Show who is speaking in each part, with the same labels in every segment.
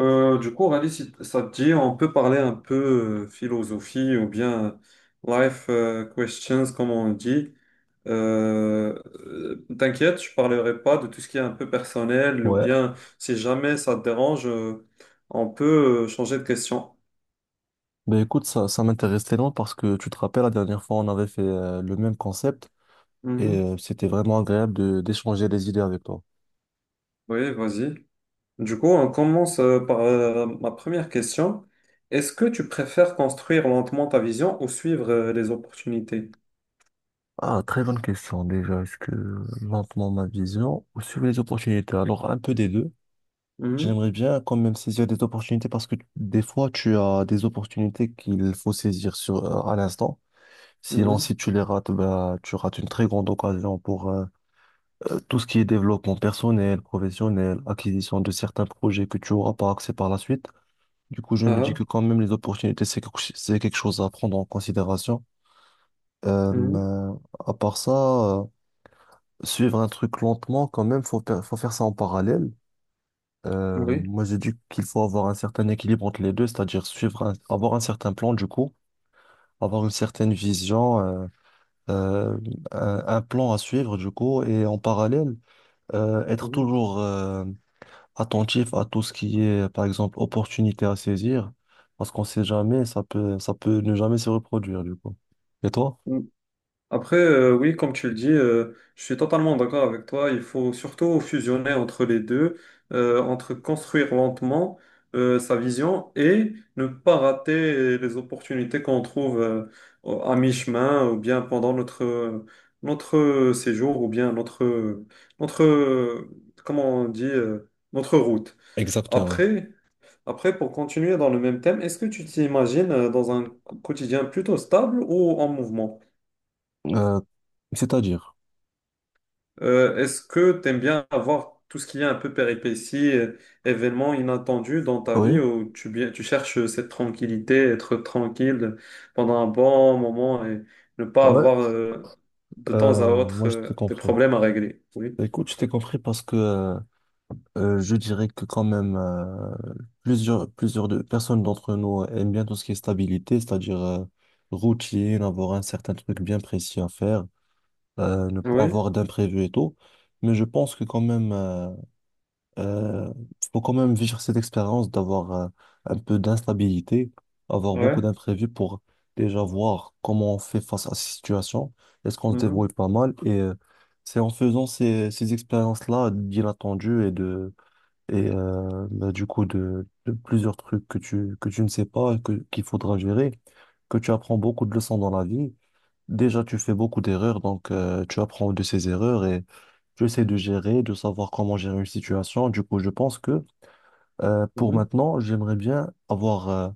Speaker 1: Du coup, Rally, si t- ça te dit, on peut parler un peu philosophie ou bien life questions, comme on dit. Euh, T'inquiète, je parlerai pas de tout ce qui est un peu personnel ou
Speaker 2: Ouais,
Speaker 1: bien si jamais ça te dérange, on peut changer de question.
Speaker 2: ben écoute, ça m'intéresse tellement parce que tu te rappelles, la dernière fois, on avait fait le même concept et
Speaker 1: Mhm.
Speaker 2: c'était vraiment agréable de d'échanger des idées avec toi.
Speaker 1: Oui, vas-y. Du coup, on commence par ma première question. Est-ce que tu préfères construire lentement ta vision ou suivre les opportunités?
Speaker 2: Ah, très bonne question déjà. Est-ce que lentement ma vision ou suivre les opportunités? Alors, un peu des deux.
Speaker 1: Mhm,
Speaker 2: J'aimerais bien quand même saisir des opportunités parce que des fois, tu as des opportunités qu'il faut saisir sur, à l'instant. Sinon,
Speaker 1: mhm.
Speaker 2: si tu les rates, bah, tu rates une très grande occasion pour, tout ce qui est développement personnel, professionnel, acquisition de certains projets que tu auras par accès par la suite. Du coup, je me dis
Speaker 1: Ah,
Speaker 2: que quand même, les opportunités, c'est c'est quelque chose à prendre en considération. Euh,
Speaker 1: mhm,
Speaker 2: euh, à part ça, euh, suivre un truc lentement, quand même, faut faire ça en parallèle.
Speaker 1: oui.
Speaker 2: Moi, j'ai dit qu'il faut avoir un certain équilibre entre les deux, c'est-à-dire avoir un certain plan, du coup, avoir une certaine vision, euh, un plan à suivre, du coup, et en parallèle, être
Speaker 1: Mhm.
Speaker 2: toujours attentif à tout ce qui est, par exemple, opportunité à saisir, parce qu'on sait jamais, ça peut ne jamais se reproduire, du coup. Et toi?
Speaker 1: Mm. Après, oui, comme tu le dis, je suis totalement d'accord avec toi. Il faut surtout fusionner entre les deux, entre construire lentement sa vision et ne pas rater les opportunités qu'on trouve à mi-chemin ou bien pendant notre séjour ou bien notre, comment on dit, notre route.
Speaker 2: Exactement.
Speaker 1: Après, après, pour continuer dans le même thème, est-ce que tu t'imagines dans un quotidien plutôt stable ou en mouvement?
Speaker 2: Euh, C'est-à-dire,
Speaker 1: Est-ce que tu aimes bien avoir tout ce qui est un peu péripéties, événements inattendus dans ta vie
Speaker 2: oui,
Speaker 1: où tu, bien, tu cherches cette tranquillité, être tranquille pendant un bon moment et ne pas
Speaker 2: ouais,
Speaker 1: avoir de temps à autre
Speaker 2: moi je t'ai
Speaker 1: des
Speaker 2: compris.
Speaker 1: problèmes à régler? Oui.
Speaker 2: Écoute, je t'ai compris parce que je dirais que quand même, plusieurs de personnes d'entre nous aiment bien tout ce qui est stabilité, c'est-à-dire, routine, avoir un certain truc bien précis à faire, ne pas
Speaker 1: Oui,
Speaker 2: avoir d'imprévus et tout. Mais je pense que quand même, euh, faut quand même vivre cette expérience d'avoir, un peu d'instabilité, avoir beaucoup
Speaker 1: ouais.
Speaker 2: d'imprévus pour déjà voir comment on fait face à ces situations, est-ce qu'on se débrouille
Speaker 1: Mhm.
Speaker 2: pas mal et c'est en faisant ces expériences-là d'inattendues et bah, du coup de plusieurs trucs que tu ne sais pas qu'il faudra gérer, que tu apprends beaucoup de leçons dans la vie. Déjà, tu fais beaucoup d'erreurs, donc tu apprends de ces erreurs et tu essaies de gérer, de savoir comment gérer une situation. Du coup, je pense que pour
Speaker 1: Mhm.
Speaker 2: maintenant, j'aimerais bien avoir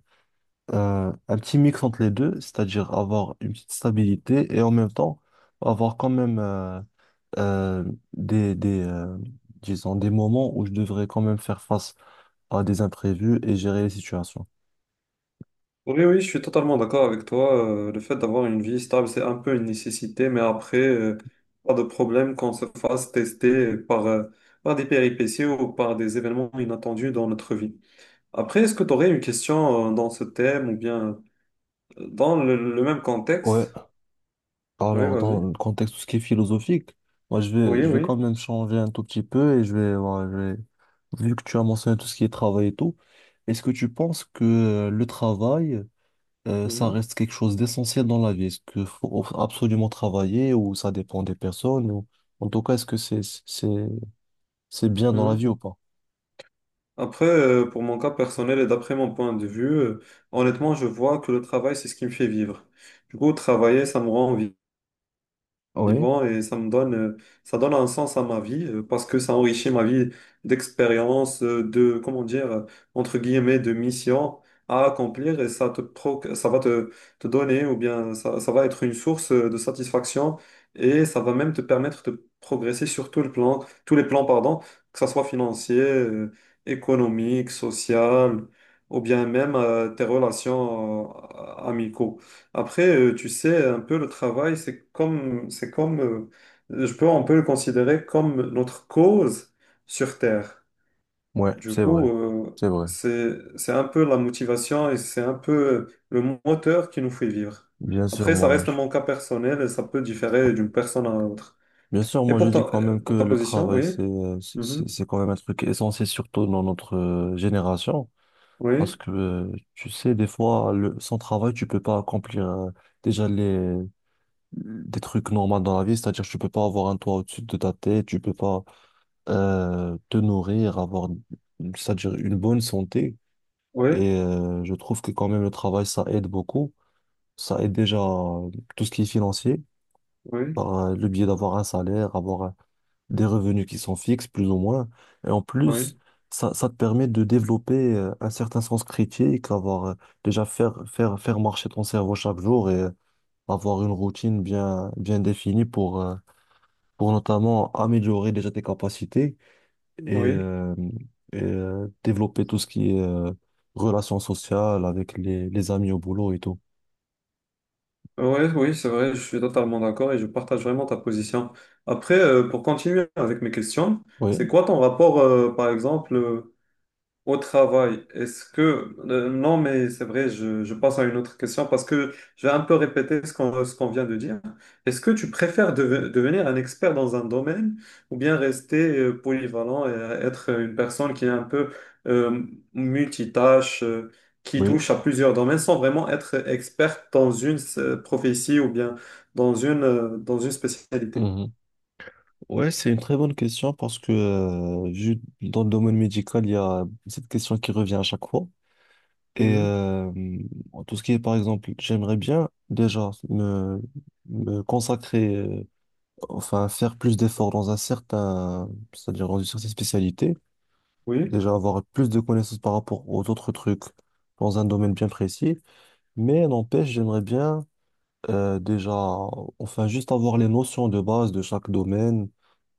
Speaker 2: un petit mix entre les deux, c'est-à-dire avoir une petite stabilité et en même temps avoir quand même, euh, des, des, euh, disons, des moments où je devrais quand même faire face à des imprévus et gérer les situations.
Speaker 1: Oui, oui, je suis totalement d'accord avec toi. Le fait d'avoir une vie stable, c'est un peu une nécessité, mais après, pas de problème qu'on se fasse tester par, par des péripéties ou par des événements inattendus dans notre vie. Après, est-ce que tu aurais une question, dans ce thème ou bien dans le même
Speaker 2: Ouais,
Speaker 1: contexte? Oui,
Speaker 2: alors dans
Speaker 1: vas-y.
Speaker 2: le contexte tout ce qui est philosophique,
Speaker 1: Oui,
Speaker 2: je vais quand
Speaker 1: oui.
Speaker 2: même changer un tout petit peu et voilà, vu que tu as mentionné tout ce qui est travail et tout, est-ce que tu penses que le travail, ça
Speaker 1: Mhm,
Speaker 2: reste quelque chose d'essentiel dans la vie? Est-ce qu'il faut absolument travailler ou ça dépend des personnes ou en tout cas, est-ce que c'est, c'est bien dans la
Speaker 1: mhm.
Speaker 2: vie ou pas?
Speaker 1: Après, pour mon cas personnel et d'après mon point de vue, honnêtement, je vois que le travail, c'est ce qui me fait vivre. Du coup, travailler, ça me rend vivant.
Speaker 2: Oui.
Speaker 1: Vivant et ça me donne, ça donne un sens à ma vie parce que ça enrichit ma vie d'expérience, de, comment dire, entre guillemets, de mission à accomplir et ça ça va te donner ou bien ça va être une source de satisfaction et ça va même te permettre de progresser sur tout le plan, tous les plans, pardon, que ça soit financier, économique, social ou bien même tes relations amicaux. Après, tu sais, un peu le travail, c'est comme, je peux un peu le considérer comme notre cause sur Terre.
Speaker 2: Ouais,
Speaker 1: Du
Speaker 2: c'est vrai,
Speaker 1: coup, euh,
Speaker 2: c'est vrai.
Speaker 1: c'est un peu la motivation et c'est un peu le moteur qui nous fait vivre.
Speaker 2: Bien sûr,
Speaker 1: Après, ça
Speaker 2: moi,
Speaker 1: reste
Speaker 2: je...
Speaker 1: mon cas personnel et ça peut différer d'une personne à l'autre.
Speaker 2: bien sûr,
Speaker 1: Et
Speaker 2: moi, je
Speaker 1: pour
Speaker 2: dis quand même que
Speaker 1: pour ta
Speaker 2: le
Speaker 1: position,
Speaker 2: travail,
Speaker 1: oui, mhm,
Speaker 2: c'est quand même un truc essentiel, surtout dans notre génération, parce
Speaker 1: oui,
Speaker 2: que tu sais, des fois, le... sans travail, tu peux pas accomplir déjà les des trucs normaux dans la vie, c'est-à-dire tu peux pas avoir un toit au-dessus de ta tête, tu peux pas te nourrir, avoir, c'est-à-dire une bonne santé.
Speaker 1: oui,
Speaker 2: Et je trouve que quand même le travail, ça aide beaucoup, ça aide déjà, tout ce qui est financier,
Speaker 1: oui,
Speaker 2: par le biais d'avoir un salaire, avoir des revenus qui sont fixes, plus ou moins. Et en
Speaker 1: oui,
Speaker 2: plus, ça te permet de développer un certain sens critique, avoir déjà faire marcher ton cerveau chaque jour et avoir une routine bien définie pour notamment améliorer déjà tes capacités et,
Speaker 1: oui.
Speaker 2: euh, développer tout ce qui est relations sociales avec les amis au boulot et tout.
Speaker 1: Ouais, oui, c'est vrai, je suis totalement d'accord et je partage vraiment ta position. Après, pour continuer avec mes questions, c'est
Speaker 2: Oui,
Speaker 1: quoi ton rapport, par exemple, au travail, est-ce que... non, mais c'est vrai, je passe à une autre question parce que je vais un peu répéter ce qu'on vient de dire. Est-ce que tu préfères devenir un expert dans un domaine ou bien rester polyvalent et être une personne qui est un peu euh, multitâche, qui
Speaker 2: oui.
Speaker 1: touche à plusieurs domaines sans vraiment être experte dans une prophétie ou bien dans dans une spécialité?
Speaker 2: Ouais, c'est une très bonne question parce que vu dans le domaine médical, il y a cette question qui revient à chaque fois. Et
Speaker 1: Mhm.
Speaker 2: en tout ce qui est, par exemple, j'aimerais bien déjà me, me consacrer, enfin faire plus d'efforts dans c'est-à-dire dans une certaine spécialité,
Speaker 1: Oui,
Speaker 2: déjà avoir plus de connaissances par rapport aux autres trucs dans un domaine bien précis. Mais n'empêche, j'aimerais bien, euh, déjà, enfin juste avoir les notions de base de chaque domaine,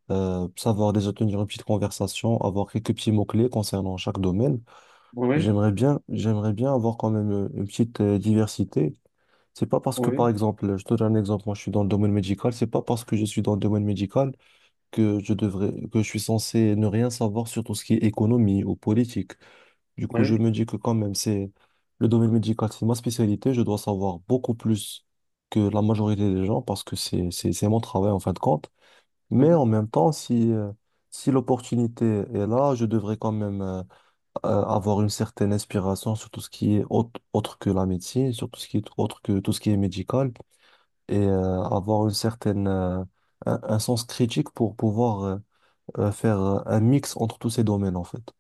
Speaker 2: savoir déjà tenir une petite conversation, avoir quelques petits mots-clés concernant chaque domaine.
Speaker 1: oui,
Speaker 2: J'aimerais bien avoir quand même une petite diversité. C'est pas parce que, par
Speaker 1: oui,
Speaker 2: exemple, je te donne un exemple, moi je suis dans le domaine médical, c'est pas parce que je suis dans le domaine médical que que je suis censé ne rien savoir sur tout ce qui est économie ou politique. Du coup, je me dis que quand même, c'est le domaine médical, c'est ma spécialité, je dois savoir beaucoup plus que la majorité des gens parce que c'est mon travail en fin de compte. Mais en
Speaker 1: oui.
Speaker 2: même temps, si l'opportunité est là, je devrais quand même avoir une certaine inspiration sur tout ce qui est autre, autre que la médecine, sur tout ce qui est autre que tout ce qui est médical, et avoir un sens critique pour pouvoir faire un mix entre tous ces domaines, en fait.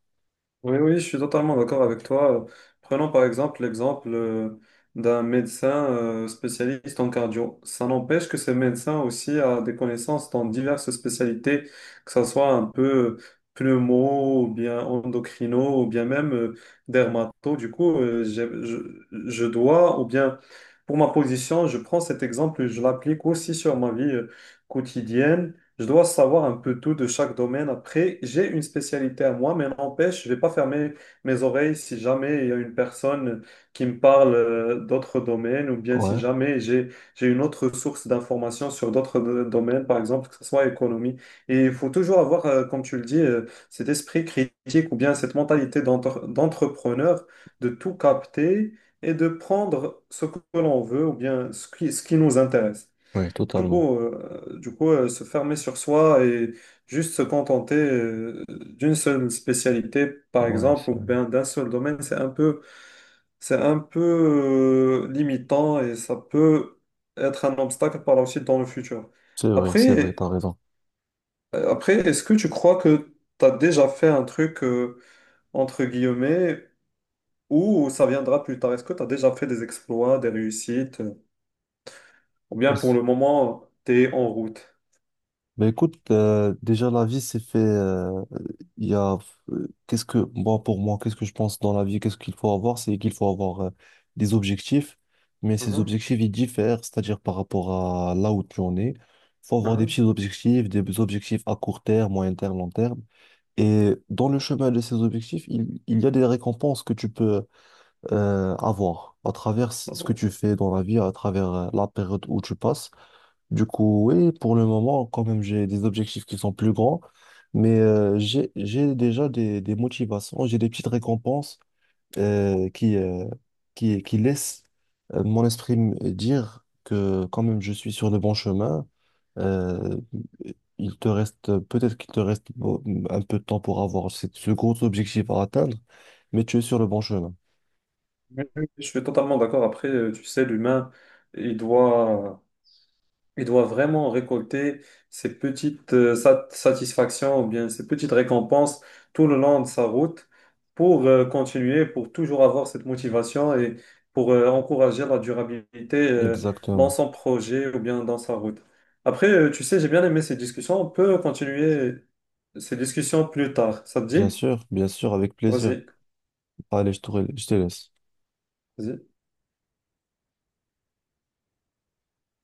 Speaker 1: Oui, oui, je suis totalement d'accord avec toi. Prenons par exemple l'exemple d'un médecin spécialiste en cardio. Ça n'empêche que ce médecin aussi a des connaissances dans diverses spécialités, que ce soit un peu pneumo, ou bien endocrino, ou bien même dermato. Du coup, je dois, ou bien pour ma position, je prends cet exemple et je l'applique aussi sur ma vie quotidienne. Je dois savoir un peu tout de chaque domaine. Après, j'ai une spécialité à moi, mais n'empêche, je vais pas fermer mes oreilles si jamais il y a une personne qui me parle d'autres domaines ou bien si
Speaker 2: Ouais,
Speaker 1: jamais j'ai une autre source d'informations sur d'autres domaines, par exemple, que ce soit économie. Et il faut toujours avoir, comme tu le dis, cet esprit critique ou bien cette mentalité d'entrepreneur de tout capter et de prendre ce que l'on veut ou bien ce qui nous intéresse.
Speaker 2: ouais,
Speaker 1: Du
Speaker 2: totalement.
Speaker 1: coup, euh, du coup euh, se fermer sur soi et juste se contenter d'une seule spécialité, par
Speaker 2: Ouais,
Speaker 1: exemple, ou
Speaker 2: c'est vrai,
Speaker 1: bien d'un seul domaine, c'est un peu limitant et ça peut être un obstacle par la suite dans le futur.
Speaker 2: c'est vrai, c'est vrai,
Speaker 1: Après,
Speaker 2: t'as raison.
Speaker 1: après, est-ce que tu crois que tu as déjà fait un truc, entre guillemets, ou ça viendra plus tard? Est-ce que tu as déjà fait des exploits, des réussites, ou bien
Speaker 2: Et
Speaker 1: pour
Speaker 2: c-
Speaker 1: le moment, tu es en route?
Speaker 2: Ben écoute, déjà la vie c'est fait. Il y a qu'est-ce que moi Pour moi, qu'est-ce que je pense dans la vie, qu'est-ce qu'il faut avoir, c'est qu'il faut avoir des objectifs, mais ces
Speaker 1: Mhm,
Speaker 2: objectifs ils diffèrent, c'est-à-dire par rapport à là où tu en es. Faut avoir des petits objectifs, des objectifs à court terme, moyen terme, long terme. Et dans le chemin de ces objectifs, il y a des récompenses que tu peux avoir à travers ce que
Speaker 1: mhm.
Speaker 2: tu fais dans la vie, à travers la période où tu passes. Du coup, oui, pour le moment, quand même, j'ai des objectifs qui sont plus grands, mais j'ai déjà des motivations, j'ai des petites récompenses euh, qui, euh, qui laissent mon esprit me dire que quand même, je suis sur le bon chemin. Euh, peut-être qu'il te reste bon, un peu de temps pour avoir ce gros objectif à atteindre, mais tu es sur le bon chemin.
Speaker 1: Oui, oui, je suis totalement d'accord. Après, tu sais, l'humain, il doit, il doit vraiment récolter ces petites satisfactions ou bien ces petites récompenses tout le long de sa route pour continuer, pour toujours avoir cette motivation et pour encourager la durabilité dans
Speaker 2: Exactement.
Speaker 1: son projet ou bien dans sa route. Après, tu sais, j'ai bien aimé ces discussions. On peut continuer ces discussions plus tard. Ça te dit?
Speaker 2: Bien sûr, avec plaisir.
Speaker 1: Vas-y,
Speaker 2: Allez, je te laisse.
Speaker 1: vas-y.